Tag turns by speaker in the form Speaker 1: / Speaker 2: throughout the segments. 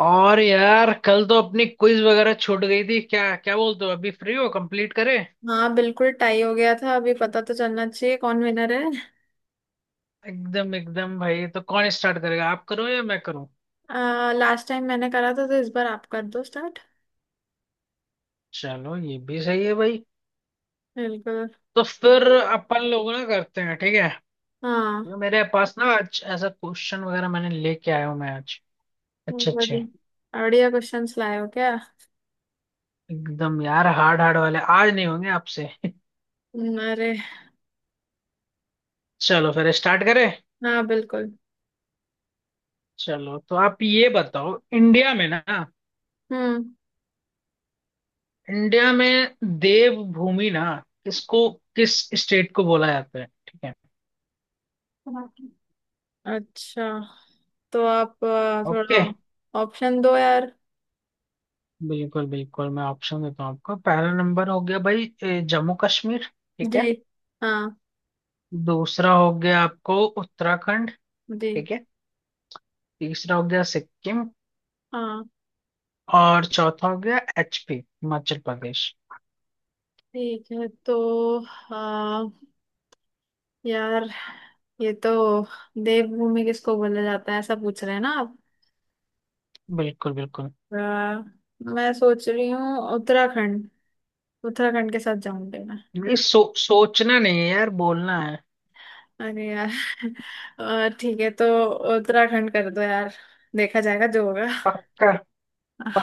Speaker 1: और यार कल तो अपनी क्विज वगैरह छूट गई थी। क्या क्या बोलते हो, अभी फ्री हो? कंप्लीट करें।
Speaker 2: हाँ, बिल्कुल टाई हो गया था। अभी पता तो चलना चाहिए कौन विनर है।
Speaker 1: एकदम एकदम भाई। तो कौन स्टार्ट करेगा, आप करो या मैं करूं?
Speaker 2: लास्ट टाइम मैंने करा था तो इस बार आप कर दो स्टार्ट।
Speaker 1: चलो ये भी सही है भाई।
Speaker 2: बिल्कुल।
Speaker 1: तो फिर अपन लोग ना करते हैं, ठीक है।
Speaker 2: हाँ।
Speaker 1: क्योंकि मेरे पास ना आज ऐसा क्वेश्चन वगैरह मैंने लेके आया हूँ मैं आज। अच्छे अच्छे।
Speaker 2: बढ़िया बढ़िया क्वेश्चंस लाए हो क्या?
Speaker 1: एकदम यार, हार्ड हार्ड वाले आज नहीं होंगे आपसे
Speaker 2: अरे।
Speaker 1: चलो फिर स्टार्ट करें।
Speaker 2: हाँ, बिल्कुल।
Speaker 1: चलो, तो आप ये बताओ, इंडिया में ना,
Speaker 2: हम्म।
Speaker 1: इंडिया में देवभूमि ना किसको किस स्टेट को बोला जाता है, ठीक है।
Speaker 2: अच्छा, तो आप
Speaker 1: ओके।
Speaker 2: थोड़ा ऑप्शन दो यार।
Speaker 1: बिल्कुल बिल्कुल, मैं ऑप्शन देता हूँ आपको। पहला नंबर हो गया भाई ए, जम्मू कश्मीर। ठीक है।
Speaker 2: जी। हाँ।
Speaker 1: दूसरा हो गया आपको उत्तराखंड।
Speaker 2: जी।
Speaker 1: ठीक है। तीसरा हो गया सिक्किम।
Speaker 2: हाँ,
Speaker 1: और चौथा हो गया एचपी, हिमाचल प्रदेश।
Speaker 2: ठीक है तो आ, यार, ये तो देवभूमि किसको बोला जाता है ऐसा पूछ रहे हैं ना आप?
Speaker 1: बिल्कुल बिल्कुल।
Speaker 2: आ, मैं सोच रही हूँ उत्तराखंड। उत्तराखंड के साथ जाऊंगी मैं।
Speaker 1: ये सोचना नहीं है यार, बोलना है।
Speaker 2: अरे यार। ठीक है तो उत्तराखंड कर दो यार। देखा जाएगा जो होगा।
Speaker 1: पक्का।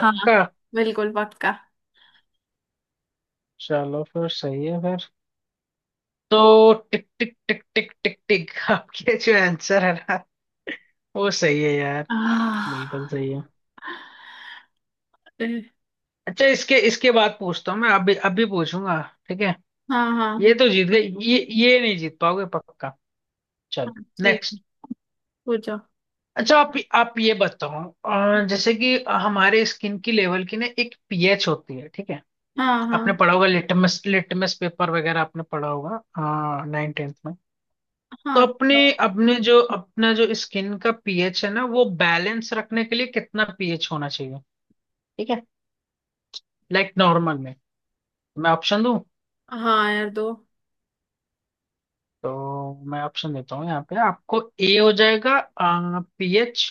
Speaker 2: हाँ। बिल्कुल पक्का।
Speaker 1: चलो फिर सही है फिर। तो टिक टिक टिक टिक टिक टिक आपके जो आंसर है ना, वो सही है यार।
Speaker 2: आह,
Speaker 1: बिल्कुल सही है।
Speaker 2: ए।
Speaker 1: अच्छा इसके इसके बाद पूछता हूँ मैं, अभी अभी पूछूंगा। ठीक है।
Speaker 2: हाँ, हाँ,
Speaker 1: ये
Speaker 2: हाँ।
Speaker 1: तो जीत गए। ये नहीं जीत पाओगे पक्का। चलो।
Speaker 2: हाँ, ठीक है,
Speaker 1: नेक्स्ट।
Speaker 2: पूछो।
Speaker 1: अच्छा, आप ये बताओ, जैसे कि हमारे स्किन की लेवल की ना एक पीएच होती है, ठीक है।
Speaker 2: हाँ, हाँ,
Speaker 1: आपने पढ़ा होगा, लिटमस लिटमस पेपर वगैरह आपने पढ़ा होगा 9th-10th में। तो
Speaker 2: हाँ।
Speaker 1: अपने
Speaker 2: दो।
Speaker 1: अपने जो अपना जो स्किन का पीएच है ना, वो बैलेंस रखने के लिए कितना पीएच होना चाहिए, ठीक है। लाइक नॉर्मल में। मैं ऑप्शन दूं?
Speaker 2: हाँ यार, दो।
Speaker 1: तो मैं ऑप्शन देता हूँ। यहाँ पे आपको ए हो जाएगा पीएच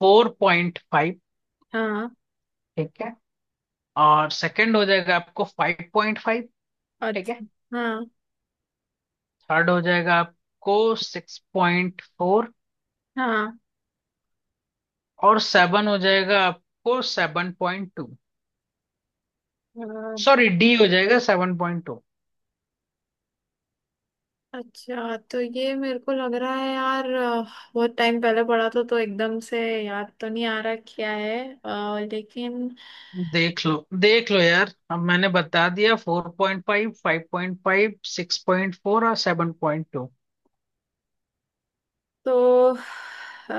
Speaker 1: 4.5।
Speaker 2: हाँ।
Speaker 1: ठीक है। और सेकंड हो जाएगा आपको 5.5। ठीक है।
Speaker 2: अच्छा। हाँ।
Speaker 1: थर्ड हो जाएगा आपको 6.4। और सेवन हो जाएगा आपको 7.2।
Speaker 2: हाँ।
Speaker 1: सॉरी, डी हो जाएगा 7.2।
Speaker 2: अच्छा, तो ये मेरे को लग रहा है यार, बहुत टाइम पहले पढ़ा था तो एकदम से याद तो नहीं आ रहा क्या है। लेकिन
Speaker 1: देख लो, देख लो यार, अब मैंने बता दिया, 4.5, 5.5, 6.4 और 7.2।
Speaker 2: तो अ,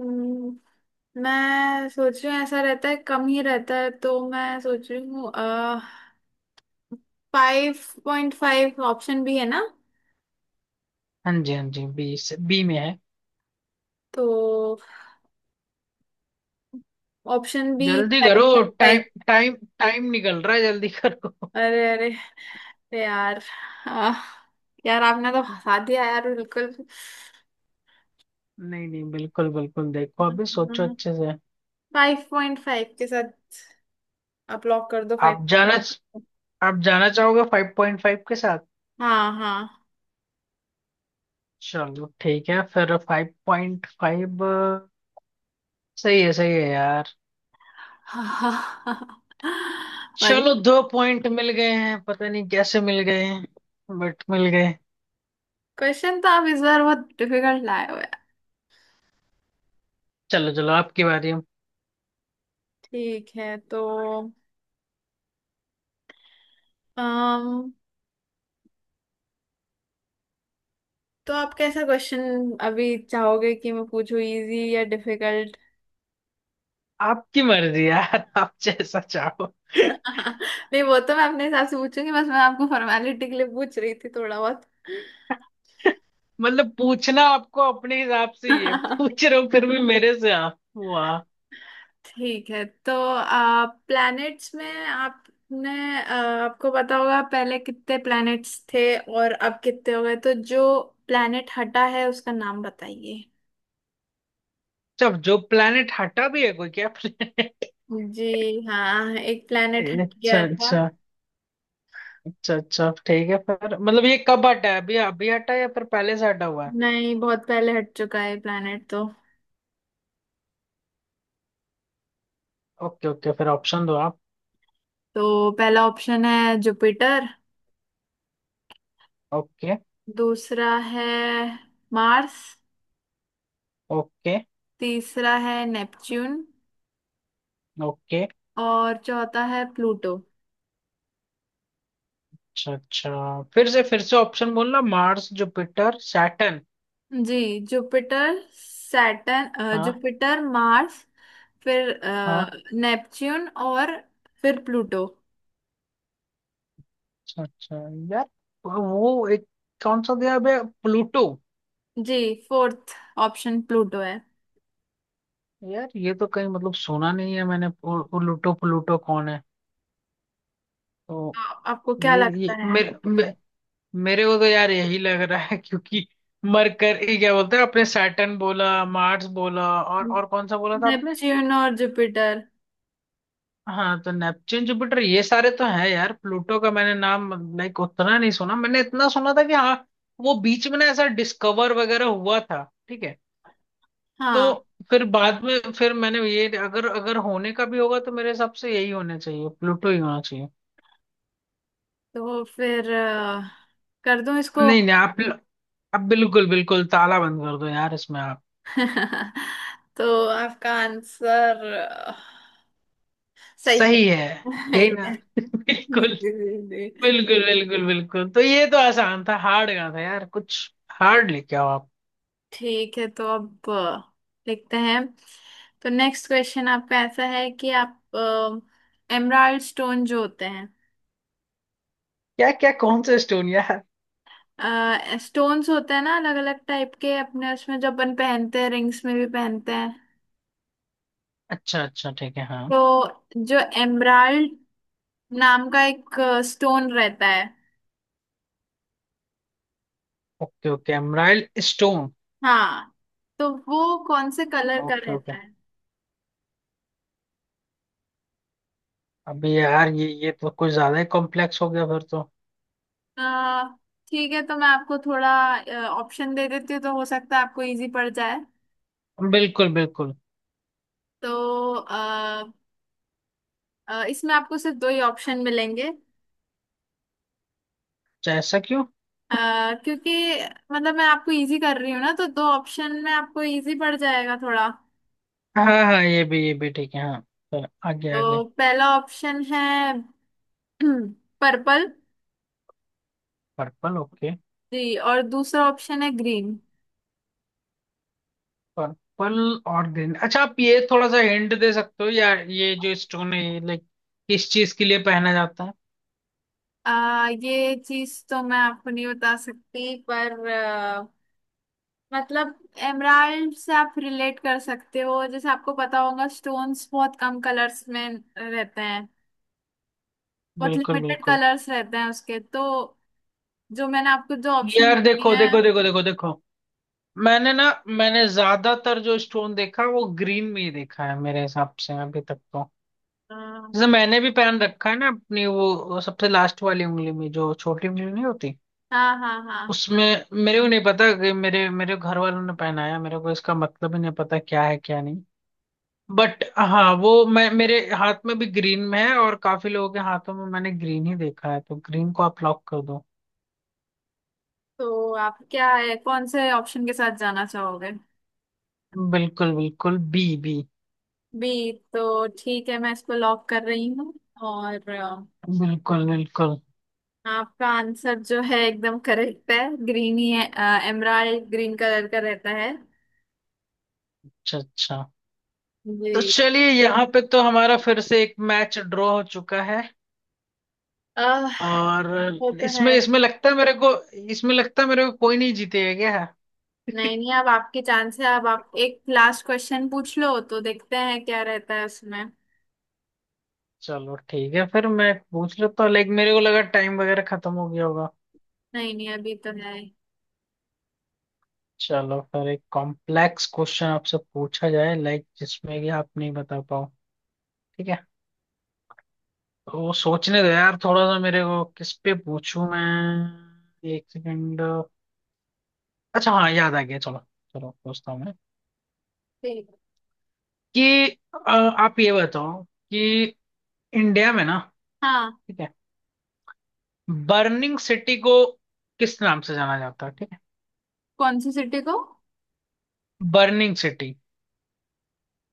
Speaker 2: हम्म, मैं सोच रही हूँ ऐसा रहता है, कम ही रहता है, तो मैं सोच रही हूँ 5.5 ऑप्शन भी है ना।
Speaker 1: हाँ जी, हाँ जी, बी। बी में है।
Speaker 2: तो ऑप्शन भी
Speaker 1: जल्दी करो।
Speaker 2: फाइव।
Speaker 1: टाइम टाइम टाइम निकल रहा है, जल्दी करो।
Speaker 2: अरे, अरे, अरे यार। आह, यार, आपने तो फंसा दिया यार, बिल्कुल।
Speaker 1: नहीं नहीं, बिल्कुल बिल्कुल, देखो, अभी सोचो अच्छे से।
Speaker 2: 5.5 के साथ आप लॉक कर दो फाइव।
Speaker 1: आप जाना आप जाना चाहोगे 5.5 के साथ?
Speaker 2: हाँ, हाँ।
Speaker 1: चलो ठीक है फिर, 5.5। सही है, सही है यार।
Speaker 2: पर
Speaker 1: चलो, दो पॉइंट मिल गए हैं, पता नहीं कैसे मिल गए हैं, बट मिल गए।
Speaker 2: क्वेश्चन तो आप इस बार बहुत डिफिकल्ट लाए हो यार।
Speaker 1: चलो चलो, आपकी बारी है।
Speaker 2: ठीक है तो अम तो आप कैसा क्वेश्चन अभी चाहोगे कि मैं पूछूं, इजी या डिफिकल्ट?
Speaker 1: आपकी मर्जी यार आप जैसा चाहो।
Speaker 2: नहीं, वो तो मैं अपने हिसाब से पूछूंगी, बस मैं आपको फॉर्मेलिटी के लिए पूछ रही थी थोड़ा।
Speaker 1: मतलब पूछना आपको अपने हिसाब से ही है,
Speaker 2: बहुत।
Speaker 1: पूछ रहे हो फिर भी मेरे से आप, वाह।
Speaker 2: ठीक है तो प्लैनेट्स में आपने आ, आपको पता होगा पहले कितने प्लैनेट्स थे और अब कितने हो गए, तो जो प्लैनेट हटा है उसका नाम बताइए।
Speaker 1: जब जो प्लेनेट हटा भी है, कोई क्या planet?
Speaker 2: जी। हाँ, एक प्लैनेट हट
Speaker 1: अच्छा
Speaker 2: गया था।
Speaker 1: अच्छा। अच्छा अच्छा ठीक है फिर, मतलब ये कब हटा है, अभी अभी हटा है या फिर पहले से हटा हुआ है?
Speaker 2: नहीं, बहुत पहले हट चुका है प्लैनेट तो।
Speaker 1: ओके ओके, फिर ऑप्शन दो आप।
Speaker 2: तो पहला ऑप्शन है जुपिटर।
Speaker 1: ओके।
Speaker 2: दूसरा है मार्स।
Speaker 1: ओके।
Speaker 2: तीसरा है नेपच्यून।
Speaker 1: ओके।
Speaker 2: और चौथा है प्लूटो।
Speaker 1: अच्छा अच्छा। फिर से ऑप्शन बोलना। Mars, Jupiter, Saturn.
Speaker 2: जी। जुपिटर, सैटर्न,
Speaker 1: हाँ।
Speaker 2: Jupiter, Mars. फिर
Speaker 1: हाँ।
Speaker 2: नेपच्यून और फिर प्लूटो।
Speaker 1: अच्छा अच्छा यार, वो एक कौन सा दिया बे? प्लूटो?
Speaker 2: जी। फोर्थ ऑप्शन प्लूटो है।
Speaker 1: यार, ये तो कहीं मतलब सुना नहीं है मैंने। प्लूटो, प्लूटो कौन है? तो
Speaker 2: आपको क्या लगता
Speaker 1: ये
Speaker 2: है?
Speaker 1: मेरे मेरे को तो यार यही लग रहा है क्योंकि मरकर ये क्या बोलते हैं, आपने सैटर्न बोला, मार्स बोला, और कौन सा बोला था आपने?
Speaker 2: नेपच्यून और जुपिटर।
Speaker 1: हाँ, तो नेपच्यून, जुपिटर, ये सारे तो हैं यार। प्लूटो का मैंने नाम, लाइक उतना नहीं सुना। मैंने इतना सुना था कि हाँ, वो बीच में ना ऐसा डिस्कवर वगैरह हुआ था, ठीक है। तो
Speaker 2: हाँ,
Speaker 1: फिर बाद में फिर मैंने ये, अगर अगर होने का भी होगा तो मेरे हिसाब से यही होना चाहिए, प्लूटो ही होना चाहिए।
Speaker 2: तो फिर कर दूं इसको?
Speaker 1: नहीं नहीं, आप बिल्कुल बिल्कुल ताला बंद कर दो यार, इसमें आप।
Speaker 2: तो आपका आंसर सही है।
Speaker 1: सही है। यही ना?
Speaker 2: जी, जी,
Speaker 1: बिल्कुल
Speaker 2: जी, जी।
Speaker 1: बिल्कुल बिल्कुल। बिल्कुल, तो ये तो आसान था, हार्ड का था यार कुछ, हार्ड लेके आओ आप।
Speaker 2: ठीक है तो अब देखते हैं। तो नेक्स्ट क्वेश्चन आपका ऐसा है कि आप एमराल्ड स्टोन जो होते हैं,
Speaker 1: क्या क्या कौन सा स्टोन यार?
Speaker 2: स्टोन्स होते हैं ना, अलग अलग टाइप के, अपने उसमें जो अपन पहनते हैं, रिंग्स में भी पहनते हैं।
Speaker 1: अच्छा अच्छा ठीक है हाँ।
Speaker 2: तो जो एमराल्ड नाम का एक स्टोन रहता है।
Speaker 1: Okay okay, emerald stone.
Speaker 2: हाँ। तो वो कौन से कलर का
Speaker 1: ओके ओके।
Speaker 2: रहता है?
Speaker 1: अभी यार, ये तो कुछ ज्यादा ही कॉम्प्लेक्स हो गया फिर तो।
Speaker 2: अ, ठीक है तो मैं आपको थोड़ा ऑप्शन दे देती हूँ, तो हो सकता है आपको इजी पड़ जाए।
Speaker 1: बिल्कुल बिल्कुल।
Speaker 2: तो इसमें आपको सिर्फ दो ही ऑप्शन मिलेंगे।
Speaker 1: अच्छा, ऐसा क्यों?
Speaker 2: क्योंकि मतलब, मैं आपको इजी कर रही हूँ ना, तो दो ऑप्शन में आपको इजी पड़ जाएगा थोड़ा।
Speaker 1: हाँ हाँ हाँ, ये भी ठीक है हाँ। तो आगे आगे।
Speaker 2: तो पहला ऑप्शन है पर्पल।
Speaker 1: पर्पल? ओके।
Speaker 2: जी, और दूसरा ऑप्शन है ग्रीन।
Speaker 1: पर्पल और ग्रीन। अच्छा, आप ये थोड़ा सा हिंट दे सकते हो, या ये जो स्टोन है लाइक किस चीज के लिए पहना जाता है?
Speaker 2: ये चीज तो मैं आपको नहीं बता सकती, पर मतलब, एमराल्ड से आप रिलेट कर सकते हो, जैसे आपको पता होगा स्टोन्स बहुत कम कलर्स में रहते हैं। बहुत
Speaker 1: बिल्कुल
Speaker 2: लिमिटेड
Speaker 1: बिल्कुल।
Speaker 2: कलर्स रहते हैं उसके तो। जो मैंने आपको जो ऑप्शन
Speaker 1: यार
Speaker 2: दिए
Speaker 1: देखो
Speaker 2: हैं।
Speaker 1: देखो देखो देखो देखो, मैंने ज्यादातर जो स्टोन देखा वो ग्रीन में ही देखा है मेरे हिसाब से अभी तक तो।
Speaker 2: हाँ,
Speaker 1: जैसे मैंने भी पहन रखा है ना, अपनी वो सबसे लास्ट वाली उंगली में, जो छोटी उंगली नहीं होती,
Speaker 2: हाँ, हाँ, हाँ।
Speaker 1: उसमें। मेरे को नहीं पता कि मेरे मेरे घर वालों ने पहनाया मेरे को, इसका मतलब ही नहीं पता, क्या है क्या नहीं। बट हाँ, वो मैं मेरे हाथ में भी ग्रीन में है, और काफी लोगों के हाथों में मैंने ग्रीन ही देखा है, तो ग्रीन को आप लॉक कर दो।
Speaker 2: तो आप क्या है, कौन से ऑप्शन के साथ जाना चाहोगे?
Speaker 1: बिल्कुल बिल्कुल, बी। बी।
Speaker 2: बी तो ठीक है, मैं इसको लॉक कर रही हूँ। और
Speaker 1: बिल्कुल बिल्कुल।
Speaker 2: आपका आंसर जो है एकदम करेक्ट है। ग्रीन ही है। एमराल्ड ग्रीन कलर का रहता है।
Speaker 1: अच्छा अच्छा। तो
Speaker 2: जी।
Speaker 1: चलिए यहाँ पे तो हमारा फिर से एक मैच ड्रॉ हो चुका है।
Speaker 2: आह
Speaker 1: और
Speaker 2: वो तो है।
Speaker 1: इसमें इसमें लगता है मेरे को इसमें लगता है मेरे को कोई नहीं जीतेगा क्या?
Speaker 2: नहीं, नहीं, अब आपकी चांस है, अब आप एक लास्ट क्वेश्चन पूछ लो तो देखते हैं क्या रहता है उसमें।
Speaker 1: चलो ठीक है फिर, मैं पूछ लेता हूँ। लाइक मेरे को लगा टाइम वगैरह खत्म हो गया होगा।
Speaker 2: नहीं, नहीं, अभी तो है।
Speaker 1: चलो फिर एक कॉम्प्लेक्स क्वेश्चन आपसे पूछा जाए, लाइक जिसमें कि आप नहीं बता पाओ। ठीक है। तो वो सोचने दो यार थोड़ा सा मेरे को, किस पे पूछूं मैं, एक सेकंड। अच्छा हाँ याद आ गया, चलो। चलो पूछता हूँ मैं
Speaker 2: ठीक।
Speaker 1: कि आप ये बताओ कि इंडिया में ना,
Speaker 2: हाँ,
Speaker 1: ठीक है, बर्निंग सिटी को किस नाम से जाना जाता है, ठीक है।
Speaker 2: कौन सी सिटी को?
Speaker 1: Burning city.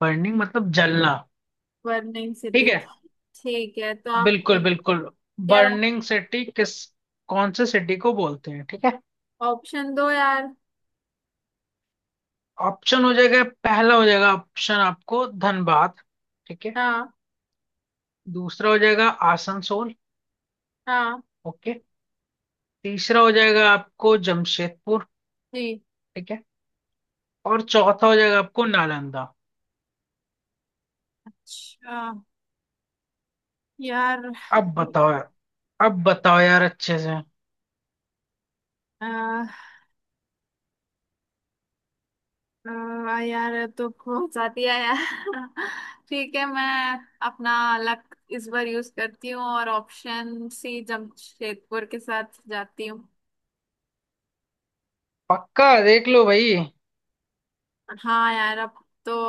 Speaker 1: बर्निंग मतलब जलना।
Speaker 2: वर्निंग
Speaker 1: ठीक
Speaker 2: सिटी।
Speaker 1: है।
Speaker 2: ठीक है तो आप
Speaker 1: बिल्कुल बिल्कुल।
Speaker 2: यार,
Speaker 1: बर्निंग सिटी किस कौन से सिटी को बोलते हैं, ठीक है।
Speaker 2: ऑप्शन दो यार।
Speaker 1: ऑप्शन हो जाएगा, पहला हो जाएगा ऑप्शन आपको धनबाद, ठीक है।
Speaker 2: हाँ,
Speaker 1: दूसरा हो जाएगा आसनसोल।
Speaker 2: हाँ।
Speaker 1: ओके। तीसरा हो जाएगा आपको जमशेदपुर,
Speaker 2: जी।
Speaker 1: ठीक है। और चौथा हो जाएगा आपको नालंदा।
Speaker 2: अच्छा यार,
Speaker 1: अब बताओ यार अब बताओ यार अच्छे से।
Speaker 2: आ, आ, यार ये तो बहुत फंसाती है यार। ठीक है, मैं अपना लक इस बार यूज करती हूँ और ऑप्शन सी जमशेदपुर के साथ जाती हूँ।
Speaker 1: पक्का? देख लो भाई।
Speaker 2: हाँ यार, अब तो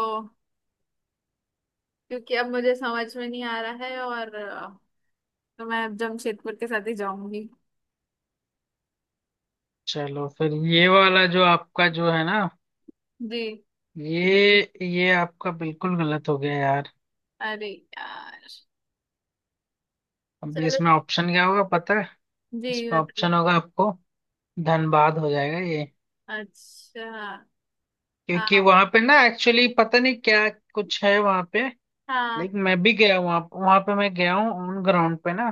Speaker 2: क्योंकि अब मुझे समझ में नहीं आ रहा है, और तो मैं अब जमशेदपुर के साथ ही जाऊंगी।
Speaker 1: चलो फिर ये वाला जो आपका जो है ना,
Speaker 2: जी।
Speaker 1: ये ये आपका बिल्कुल गलत हो गया यार।
Speaker 2: अरे यार।
Speaker 1: अब
Speaker 2: चलो।
Speaker 1: इसमें ऑप्शन क्या होगा पता है?
Speaker 2: जी,
Speaker 1: इसमें
Speaker 2: बताइए।
Speaker 1: ऑप्शन होगा आपको धनबाद हो जाएगा ये।
Speaker 2: अच्छा। हाँ,
Speaker 1: क्योंकि
Speaker 2: हाँ,
Speaker 1: वहां पे ना एक्चुअली पता नहीं क्या कुछ है वहां पे,
Speaker 2: हाँ,
Speaker 1: लेकिन मैं भी गया वहां, पे मैं गया हूँ ऑन ग्राउंड पे ना।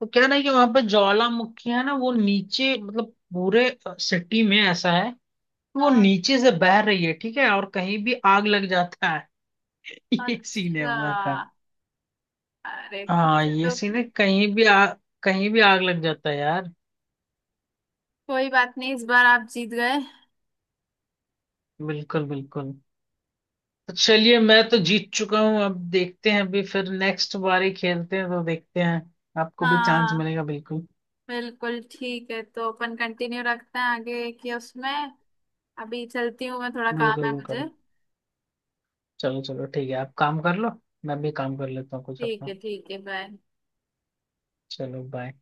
Speaker 1: तो क्या ना कि वहां पे ज्वालामुखी है ना, वो नीचे मतलब पूरे सिटी में ऐसा है कि वो
Speaker 2: हाँ।
Speaker 1: नीचे से बह रही है, ठीक है, और कहीं भी आग लग जाता है। ये सीन है
Speaker 2: अच्छा।
Speaker 1: उधर का।
Speaker 2: अरे,
Speaker 1: हाँ,
Speaker 2: कुछ
Speaker 1: ये
Speaker 2: तो।
Speaker 1: सीन है, कहीं भी कहीं भी आग लग जाता है यार।
Speaker 2: कोई बात नहीं, इस बार आप जीत गए।
Speaker 1: बिल्कुल बिल्कुल। तो चलिए, मैं तो जीत चुका हूँ, अब देखते हैं, अभी फिर नेक्स्ट बारी खेलते हैं तो देखते हैं, आपको भी चांस
Speaker 2: हाँ।
Speaker 1: मिलेगा बिल्कुल।
Speaker 2: बिल्कुल, ठीक है तो अपन कंटिन्यू रखते हैं आगे कि उसमें अभी चलती हूँ मैं, थोड़ा काम
Speaker 1: बिल्कुल
Speaker 2: है मुझे।
Speaker 1: बिल्कुल। चलो चलो ठीक है, आप काम कर लो, मैं भी काम कर लेता हूँ कुछ
Speaker 2: ठीक है,
Speaker 1: अपना।
Speaker 2: ठीक है, बाय।
Speaker 1: चलो बाय।